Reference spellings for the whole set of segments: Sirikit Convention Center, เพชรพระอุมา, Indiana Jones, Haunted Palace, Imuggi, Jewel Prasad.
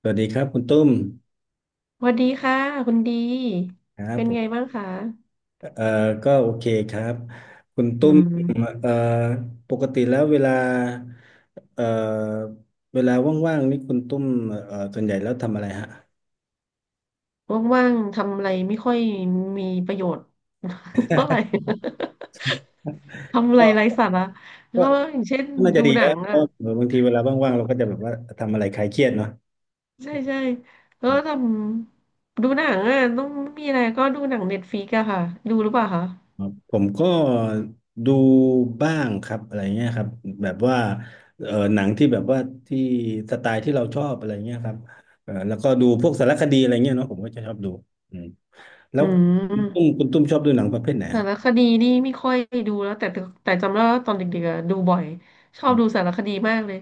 สวัสดีครับคุณตุ้มสวัสดีค่ะคุณดีครับเป็นผไงมบ้างคะเอ่อก็โอเคครับคุณอืตุ้มมเอ่อปกติแล้วเวลาเอ่อเวลาว่างๆนี่คุณตุ้มส่วนใหญ่แล้วทำอะไรฮะว่างๆทำอะไรไม่ค่อยมีประโยชน์ เท่าไหร่ ทำอะไรก็ไร้สาระก็ก็อย่างเช่นน่าจะดูดีหนันะงเพอ่ะราะบางทีเวลาว่างๆเราก็จะแบบว่าทำอะไรคลายเครียดเนาะใช่ใช่แล้วก็ทำดูหนังอ่ะต้องมีอะไรก็ดูหนังเน็ตฟ i ิกอะค่ะดูหรือเปล่าคะครับผมก็ดูบ้างครับอะไรเงี้ยครับแบบว่าหนังที่แบบว่าที่สไตล์ที่เราชอบอะไรเงี้ยครับแล้วก็ดูพวกสารคดีอะไรเงี้ยเนาะผมก็จะชอบดู แล้อืวคุณตุ้มมคุณตุ้มชอบดูหนังประเภทไหนสาฮะรคดีนี่ไม่ค่อยดูแล้วแต่จำได้ว่าตอนเด็กๆอะดูบ่อยชอบดูสารคดีมากเลย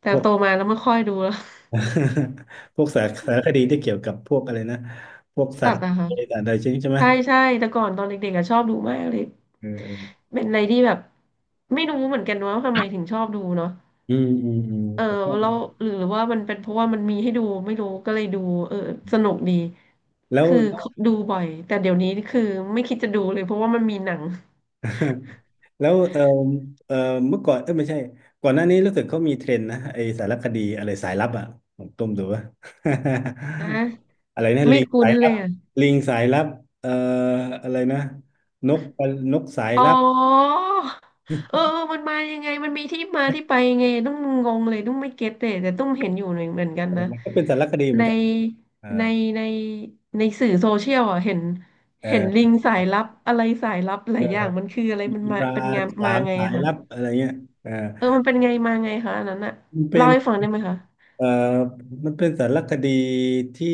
แต่พวก โตมาแล้วไม่ค่อยดูแล้ว พวกสารสารคดีที่เกี่ยวกับพวกอะไรนะพวก สัสัตตว์ว์อะคะ อะไรต่างๆใช่ไหมใช่ใช่แต่ก่อนตอนเด็กๆอะชอบดูมากเลยเออเออเป็นอะไรที่แบบไม่รู้เหมือนกันว่าทำไมถึงชอบดูเนาะเออผมก็แล้วหรือว่ามันเป็นเพราะว่ามันมีให้ดูไม่รู้ก็เลยดูเออสนุกดีแล้วคือแล้วดูบ่อยแต่เดี๋ยวนี้คือไม่คิดจะดูเลยเพราะว่ามันมีหนังแล้วเออเออเมื่อก่อนเออไม่ใช่ก่อนหน้านี้รู้สึกเขามีเทรนด์นะไอสารคดีอะไรสายลับอ่ะผมต้มดูว่า นะอะไรนะลิไม่งคุ้สานยลัเลบยอะ ลิงสายลับเอ่ออะไรนะนกนกสายอ๋ลับอเออเออมันมายังไงมันมีที่มาที่ไปยังไงต้องงงเลยต้องไม่เก็ตเลยแต่ต้องเห็นอยู่หนึ่งเหมือนกันเออนะมันก็เป็นสารคดีเหมือในนกันเออในในในสื่อโซเชียลอ่ะเห็นเอลิงสายลับอะไรสายลับหอ ลายอย่างมันคืออะไรมันมีมาปลาเป็นงานสามามไงสาอะยคะลับอะไรเงี้ยอ่าเออมันเป็นไงมาไงคะอันนั้นอะมันเป็เล่าน ให้ฟังได้ไหมคะเอ่อมันเป็นสารคดีที่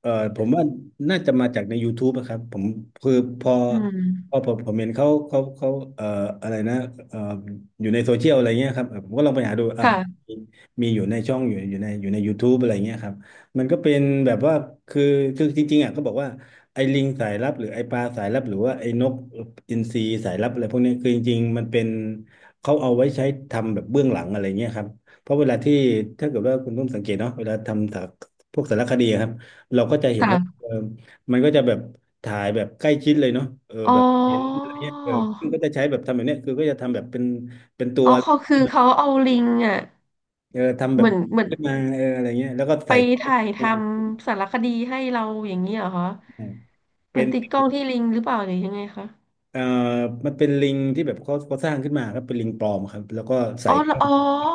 ผมว่าน่าจะมาจากใน YouTube นะครับผมคือพออืพมอผมเห็นเขาเอ่ออะไรนะเอ่ออยู่ในโซเชียลอะไรเงี้ยครับผมก็ลองไปหาดูอ้าวค่ะมีมีอยู่ในช่องอยู่ใน YouTube อะไรเงี้ยครับมันก็เป็นแบบว่าคือคือจริงๆอ่ะก็บอกว่าไอ้ลิงสายลับหรือไอ้ปลาสายลับหรือว่าไอ้นกอินทรีสายลับอะไรพวกเนี้ยคือจริงๆมันเป็นเขาเอาไว้ใช้ทำแบบเบื้องหลังอะไรเงี้ยครับ เพราะเวลาที่ถ้าเกิดว่าคุณนุ่มสังเกตเนาะเวลาทำสารพวกสารคดีอะครับเราก็จะเห็นว่าค่ะเออมันก็จะแบบถ่ายแบบใกล้ชิดเลยเนาะเอออ๋แบบเห็นออะไรเงี้ยเออซึ่งก็จะใช้แบบทำแบบเนี้ยคือก็จะทำแบบเป็นเป็นตัวอ๋อเขาเอาลิงอ่ะเออทำแบเหบมือนเหมือน ขึ้นมาเอออะไรเงี้ยแล้วก็ไปใส่กล้องถ่ายขึ้นทมาำสารคดีให้เราอย่างนี้เหรอคะเหมืเป็อนนติดกล้องที่ลิงหรือเปล่าหรือยังไงคะเอ่อมันเป็นลิงที่แบบเขาสร้างขึ้นมาครับเป็นลิงปลอมครับแล้วก็ใส่อ๋อเหรกอล้อง อ๋อ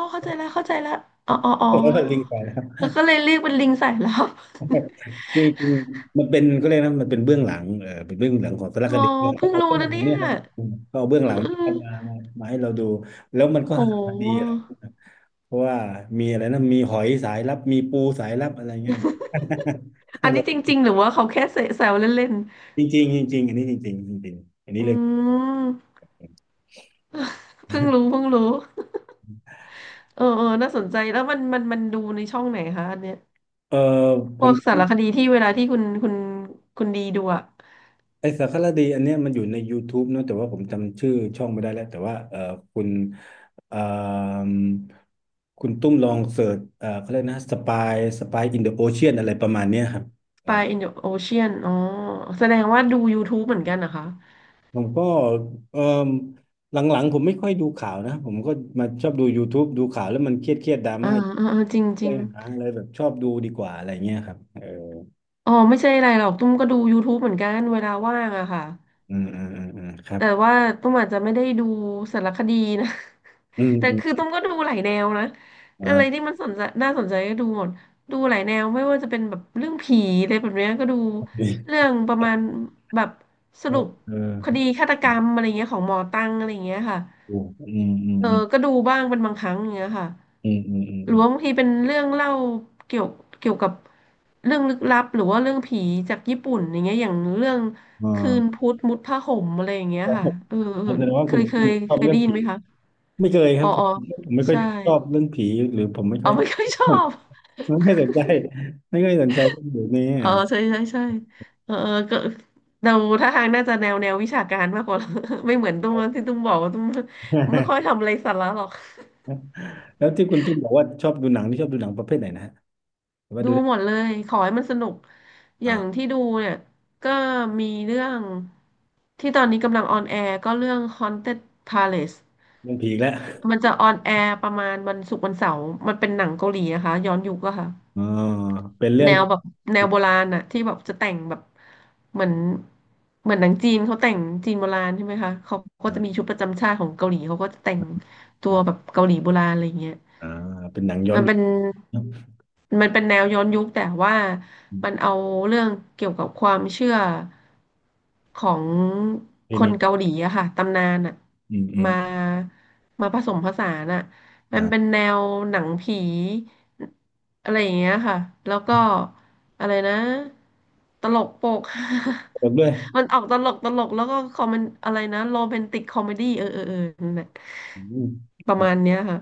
เข้าใจแล้วเข้าใจแล้ว อ๋ออ๋ออ๋ อแล้วก็ลิงไปนะครับ แล้วก็เลยเรียกเป็นลิงสา ยลับคืคือมันเป็นก็เขาเรียกนะมันเป็นเบื้องหลังเออเป็นเบื้องหลังของสารอ๋คอดีเขาเพิ่งเอารู้เบื้องหลันะงเนี่ยเนี่ยนะเขาเอาเบื้องเอหลังอเออมามามาให้เราดูแล้วมันโก็หาดีหอะไรเพราะว่ามีอะไรนะมีหอยสายลับมีปูสายลับอะไรเงี้ย อันนี้จ ริงๆหรือว่าเขาแค่เสแซวเล่นจริงจริงจริงๆอันนี้จริงๆจริงๆอันๆนี้อืเรื่องมเพิ่งรู้เพิ่งรู้เออเออน่าสนใจแล้วมันดูในช่องไหนคะอันเนี้ยเออผพวม กสารคดีที่เวลาที่คุณดีดูอะ ไอสารคดีอันเนี้ยมันอยู่ใน YouTube เนอะแต่ว่าผมจำชื่อช่องไม่ได้แล้วแต่ว่าคุณเอ่มคุณตุ้มลองเสิร์ชเขาเรียกนะสปายสปายอินเดอะโอเชียนอะไรประมาณเนี้ยครับเอปอลา in the ocean อ๋อแสดงว่าดู YouTube เหมือนกันนะคะผมก็เอ่มหลังๆผมไม่ค่อยดูข่าวนะผมก็มาชอบดู YouTube ดูข่าวแล้วมันเครียดเครียดดราอ่าม่าอ่าอ่าจริงจเลริงยหาอะไรแบบชอบดูดีกว่าอะไรเงี้ยครับเอออ๋อไม่ใช่อะไรหรอก ตุ้มก็ดู YouTube เหมือนกันเวลาว่างอะค่ะครับแต่ว่าตุ้มอาจจะไม่ได้ดูสารคดีนะ อืม แต่อืมคือตุ้มก็ดูหลายแนวนะอ่อะไราที่มันสนใจน่าสนใจก็ดูหมด ดูหลายแนวไม่ว่าจะเป็นแบบเรื่องผีอะไรแบบเนี้ยก็ดูเรื่องประมาณแบบสเอรุอปเออคดีฆาตกรรมอะไรเงี้ยของหมอตั้งอะไรเงี้ยค่ะอืมอืมอืเออมก็ดูบ้างเป็นบางครั้งอย่างเงี้ยค่ะ อืมอืมอืมหรือือมว่าบางทีเป็นเรื่องเล่าเกี่ยวเกี่ยวกับเรื่องลึกลับหรือว่าเรื่องผีจากญี่ปุ่นอย่างเงี้ยอย่างเรื่องอ๋คืนอ พุธมุดผ้าห่มอะไรอย่างเงี้ยครับค่ะผมเออเออแสดงว่าคุณคุณชอเคบยเรื่อได้งยินผีไหมคะไม่เคยครัอ๋อบผอ๋มอผมไม่ค่อยใช่ชอบเรื่องผีหรือผมไม่อ๋ค่ออย ไม่ค่อยชอบ ไม่ค่อยสนใจไม่ค่อยสนใจเรื่องแบบนี้อ๋ออะ ใช่ใช่ใช่เออเออก็เราท่าทางน่าจะแนวแนววิชาการมากกว่า ไม่เหมือนตุ้มที่ตุ้มบอกว่าตุ้มไม่ค่อย ทำอะไรสาระหรอก แล้วที่คุณตุ้มบอกว่าชอบดูหนังที่ชอบดูหนังประเภทไหนนะฮะหรือว่าดูดูได้หมดเลยขอให้มันสนุกอย่างอ่าที่ดูเนี่ยก็มีเรื่องที่ตอนนี้กำลังออนแอร์ก็เรื่อง Haunted Palace เรื่องผีอีกแล้วมันจะออนแอร์ประมาณวันศุกร์วันเสาร์มันเป็นหนังเกาหลีนะคะย้อนยุคอะค่ะอ๋อเป็นเรื่อแนงวแบบแนวผีโบราณอะที่แบบจะแต่งแบบเหมือนเหมือนหนังจีนเขาแต่งจีนโบราณใช่ไหมคะเขาก็จะมีอ่าชุดประจำชาติของเกาหลีเขาก็จะแต่งตัวแบอ่าบเกาหลีโบราณอะไรอย่างเงี้ย อ่าเป็นหนังย้อนมันยุเป็คนเนอะมันเป็นแนวย้อนยุคแต่ว่าอืมันมเอาเรื่องเกี่ยวกับความเชื่อของทีคนี้นเกาหลีอะค่ะตำนานอะอืมอืมมามาผสมผสานอะมันเป็นอ่าแนวหนังผีอะไรอย่างเงี้ยค่ะแล้วก็อะไรนะตลกโปก จบด้วย มันออกตลกตลกแล้วก็คอมเมนอะไรนะโรแมนติกคอมเมดี้เออเออเออนั่นแหละอืมปคระรับมาณเนี้ยค่ะ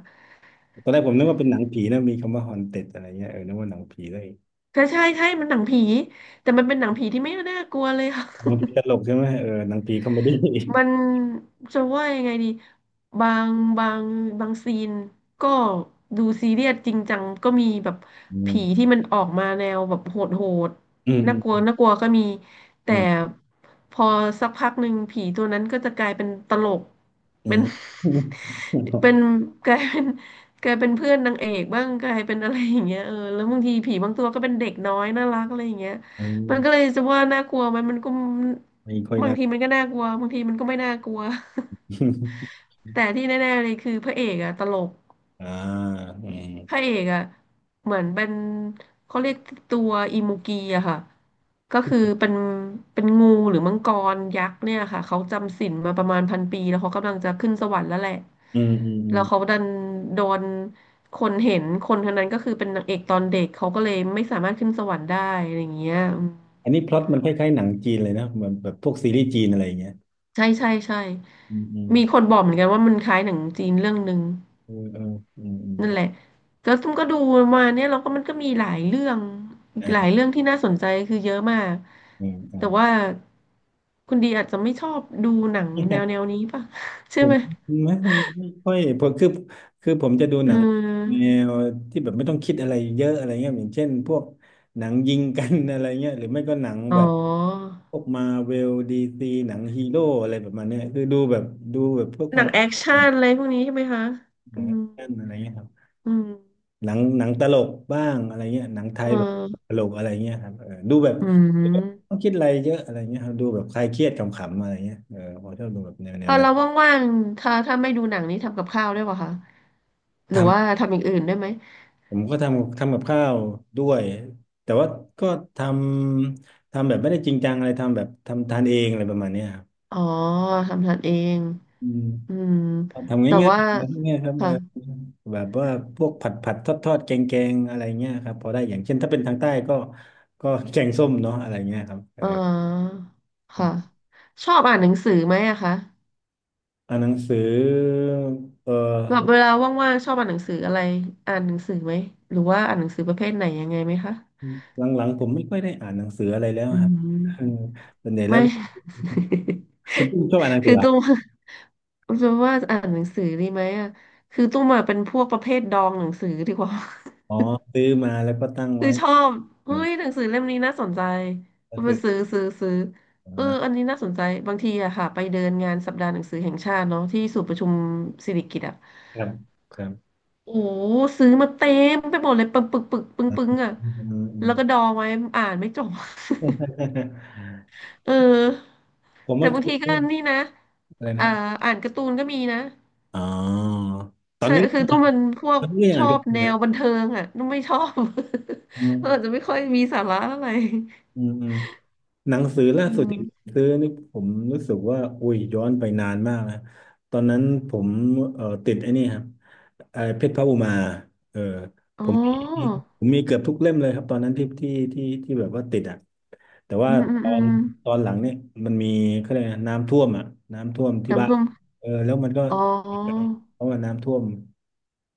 ตอนแรกผมนึกว่าเป็นหนังผีนะมีคำว่าฮอนเต็ดอะไรเงี้ยเออนึกว่าหนังผีเลยใช่ใช่ใช่มันหนังผี แต่มันเป็นหนังผีที่ไม่น่ากลัวเลยค่ะ หนังผี ตลกใช่ไหมเออหนังผีคอมเมดี้ มันจะว่ายังไงดีบางบางบางซีนก็ดูซีเรียสจริงจังก็มีแบบอืผีที่มมันออกมาแนวแบบโหดโหดอืมน่ากลัวอืมน่ากลัวก็มีอืแต่มพอสักพักหนึ่งผีตัวนั้นก็จะกลายเป็นตลกอืเป็น ม เป็นกลายเป็นกลายเป็นเพื่อนนางเอกบ้างกลายเป็นอะไรอย่างเงี้ยเออแล้วบางทีผีบางตัวก็เป็นเด็กน้อยน่ารักอะไรอย่างเงี้ยเอมันก็เลยมจะว่าน่ากลัวไหมมันก็ ไม่ค่อยบางน่าทีมันก็น่ากลัวบางทีมันก็ไม่น่ากลัว แต่ที่แน่ๆเลยคือพระเอกอะตลกอ่าอืมพระเอกอะเหมือนเป็นเขาเรียกตัวอิมูกีอะค่ะก็คือเป็นเป็นงูหรือมังกรยักษ์เนี่ยค่ะเขาจำศีลมาประมาณ1000 ปีแล้วเขากำลังจะขึ้นสวรรค์แล้วแหละอืมอืมอืแล้วเขามดันโดนคนเห็นคนคนนั้นก็คือเป็นนางเอกตอนเด็กเขาก็เลยไม่สามารถขึ้นสวรรค์ได้อะไรอย่างเงี้ยอืมอันนี้พล็อตมันคล้ายๆหนังจีนเลยนะเหมือนแบบพวกซีรีส์จีนอะไรอย่างเงี้ยใช่ใช่ใช่อืมอืมมีคนบอกเหมือนกันว่ามันคล้ายหนังจีนเรื่องหนึ่ง เออเอออืมอืมนั่นแหละแล้วตุ้มก็ดูมาเนี่ยเราก็มันก็มีหลายเรื่องหลายอ่าเรื่องที่น่าสนใจคือเยอะมากอ่าแต่ว่าคุณดีอาจจะไม่ชอบดูหนังเนี่แนยวแนวนี้ป่ะ ใช่ผไหมมไม่ไม่ค่อยผมคือคือผมจะดูเหนังแนออวที่แบบไม่ต้องคิดอะไรเยอะอะไรเงี้ยอย่างเช่นพวกหนังยิงกันอะไรเงี้ยหรือไม่ก็หนังอ๋แบบ อพวกมาเวลดีซีหนังฮีโร่อะไรประมาณเนี้ยคือดูแบบเพื่อคหนัวามงแอคชั่นอะไรพวกนี้ใช่ไหมคะหอืนังแอมคชั่นอะไรเงี้ยครับอืมหนังตลกบ้างอะไรเงี้ยหนังไทเยแบบออตลกอะไรเงี้ยครับเออดูแบบอืต้อมงคิดอะไรเยอะอะไรเงี้ยครับดูแบบคลายเครียดขำๆอะไรเงี้ยเออผมชอบดูแบบแนวแนเอวอนั้นเราว่างๆถ้าถ้าไม่ดูหนังนี้ทำกับข้าวได้วยป่ะคะหรือว่าททำอย่างอื่นได้ไหมำผมก็ทำกับข้าวด้วยแต่ว่าก็ททำแบบไม่ได้จริงจังอะไรทำแบบทำทานเองอะไรประมาณเนี้ยครับอ๋อทำทานเองอืม อืมทำแต่ง่ายว่าๆง่ายๆครับเอค่ะ อแบบว่าพวกผัดทอดแกงแกงๆอะไรเงี้ยครับพอได้อย่างเช่นถ้าเป็นทางใต้ก็แกงส้มเนาะอะไรเงี้ยครับเอออ๋อค่ะชอบอ่านหนังสือไหมอะคะอ่านหนังสือเอแบบอเวลาว่างๆชอบอ่านหนังสืออะไรอ่านหนังสือไหมหรือว่าอ่านหนังสือประเภทไหนยังไงไหมคะหลังๆผมไม่ค่อยได้อ่านหนังสืออะไรแล้วอืครับเออมส่วนใหญ่แล้วไม่ คุณตุ้มชอบอ่านหนัง สืคืออเหรอตุ้มจะว่าอ่านหนังสือดีไหมอะคือตุ้มอะเป็นพวกประเภทดองหนังสือดีกว่า อ๋อซื้อมาแล้วก็ตั้ง คือไว้ชอบเอเฮ้อยหนังสือเล่มนี้น่าสนใจก็ก็ไปซื้อซื้อซื้อซื้อมเออาอันนี้น่าสนใจบางทีอะค่ะไปเดินงานสัปดาห์หนังสือแห่งชาติเนาะที่ศูนย์ประชุมสิริกิติ์อะ ครับครับโอ้ซื้อมาเต็มไปหมดเลยปึงปึงปึงปึงปึงอ่ะอืแล้วก็ดม องไว้อ่านไม่จบ เออ ผมแต่ว่าบางคือทีก็นี่นะอะไรนะอ่าอ่านการ์ตูนก็มีนะอ๋อตอนใช่นี้ คือมันต้องเป็นพวกก็อย่างชนั้อนก็บได้แนวนะบันเทิงอ่ะต้องไม่ชอบ อื เราอาจจะมไม่ค่อยมีสาระอะไรอืมอืมหนังสือล่าอืสุดที่ผมมซื้อนี่ผมรู้สึกว่าอุ้ยย้อนไปนานมากนะตอนนั้นผมติดไอ้นี่ครับไอ้เพชรพระอุมาเอออ๋ผอมมีผมมีเกือบทุกเล่มเลยครับตอนนั้นที่แบบว่าติดอ่ะแต่ว่าอืมอืมตออืนมตอนหลังเนี่ยมันมีเขาเรียกอะไรน้ำท่วมอ่ะน้ำท่วมที่บ้าน้ำนท่วมเออแล้วมันก็อ๋อ เพราะว่าน้ำท่วม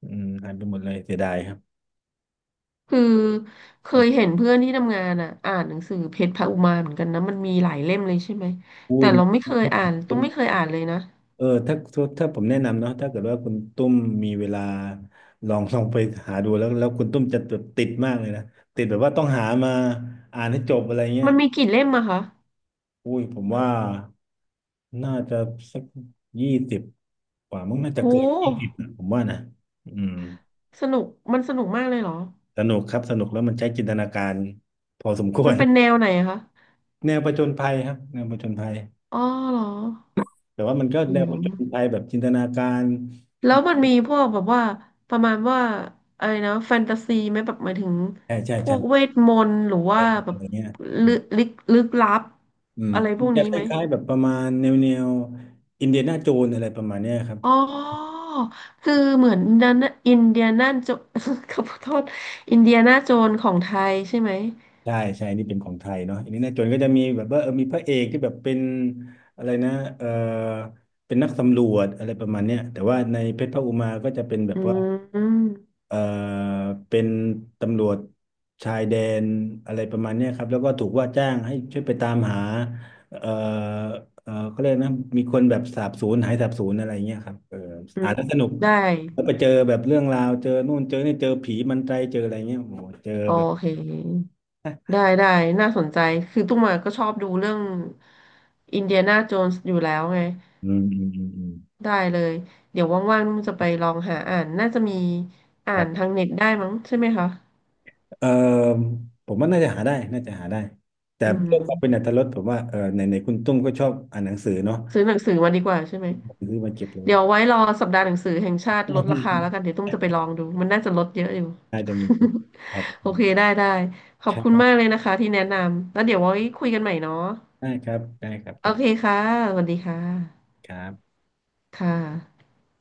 อืมหายไปหมดเลยเสียดายครับคือเคยเห็นเพื่อนที่ทำงานอ่ะอ่านหนังสือเพชรพระอุมาเหมือนกันนะมันมีหลายเล่มเลยใช่ไหมอุ้แต่ยมัน เราไม่เคยอ่านตุ้มไม่เคยอ่านเลยนะเออถ้าผมแนะนำเนาะถ้าเกิดว่าคุณตุ้มมีเวลาลอง ลองไปหาดูแล้วคุณตุ้มจะแบบติดมากเลยนะติดแบบว่าต้องหามาอ่านให้จบอะไรเงี้ยมันมีกี่เล่มอะคะอุ้ยผมว่าน่าจะสักยี่สิบกว่ามั้งน่าโจะเกินยี่สิบหนะผมว่านะอืมสนุกมันสนุกมากเลยเหรอสนุกครับสนุกแล้วมันใช้จินตนาการพอสมควมันร เป็นแนวไหนอะคะ แนวผจญภัยครับแนวผจญภัยอ๋อเหรอแต่ว่ามันก็อืแนวผจญมภัยแบบจินตนาการแล้วมันมีพวกแบบว่าประมาณว่าอะไรนะแฟนตาซีไหมแบบหมายถึงใช่ใช่พวใช่กเวทมนต์หรือว่าแบอะบไรเงี้ย ลึกลึกลึกลับอืมอะไรพมัวนกจะนี้คไหม ล้ายๆแบบประมาณแนวอินเดียนาโจนอะไรประมาณเนี้ยครับอ๋อคือเหมือนนันอินเดียนาโจ ขอโทษอินเดียนาโจนของไทยใช่ไหมใช่ใช่นี่เป็นของไทยเนาะอินเดียนาโจนก็จะมีแบบว่าเออมีพระเอกที่แบบเป็นอะไรนะเออเป็นนักสำรวจอะไรประมาณเนี้ยแต่ว่าในเพชรพระอุมาก็จะเป็นแบอืบว่ามเออเป็นตำรวจชายแดนอะไรประมาณเนี้ยครับแล้วก็ถูกว่าจ้างให้ช่วยไปตามหาเออเออเขาเรียกนะมีคนแบบสาบสูญหายสาบสูญอะไรเงี้ยครับเอออือ่านมแล้วสนุก ได้แล้วไปเจอแบบเรื่องราวเจอนู่นเจอนี่เจอผีมันไตรเจออะไรเงี้ยโอ้โหเจอโอแบบเคได้ได้น่าสนใจคือตุ้มมาก็ชอบดูเรื่องอินเดียนาโจนส์อยู่แล้วไงอืมอืมอืมอืมได้เลยเดี๋ยวว่างๆตุ้มจะไปลองหาอ่านน่าจะมีอ่าครันทาบงเน็ตได้มั้งใช่ไหมคะเออผมว่าน่าจะหาได้น่าจะหาได้แต่อืเพื่อความเป็นอมรรถรสผมว่าเออไหนไหนคุณตุ้มก็ชอบอ่านหนังสือเนาะซื้อหนังสือมาดีกว่าใช่ไหม ซื้อมาเก็บเลเดี๋ยย วไว้รอสัปดาห์หนังสือแห่งชาติลดราคาแล้ว กันเดี๋ยวตุ้มจะไปลองดูมันน่าจะลดเยอะอยู่ น่าจะมีครับ โอเคได้ได้ขอคบรับคุณมากใช่เลยนะคะที่แนะนำแล้วเดี๋ยวไว้คุยกันใหม่เนาะได้ครับได้ครับขโออบคุเคณค่ะสวัสดีค่ะครับค่ะ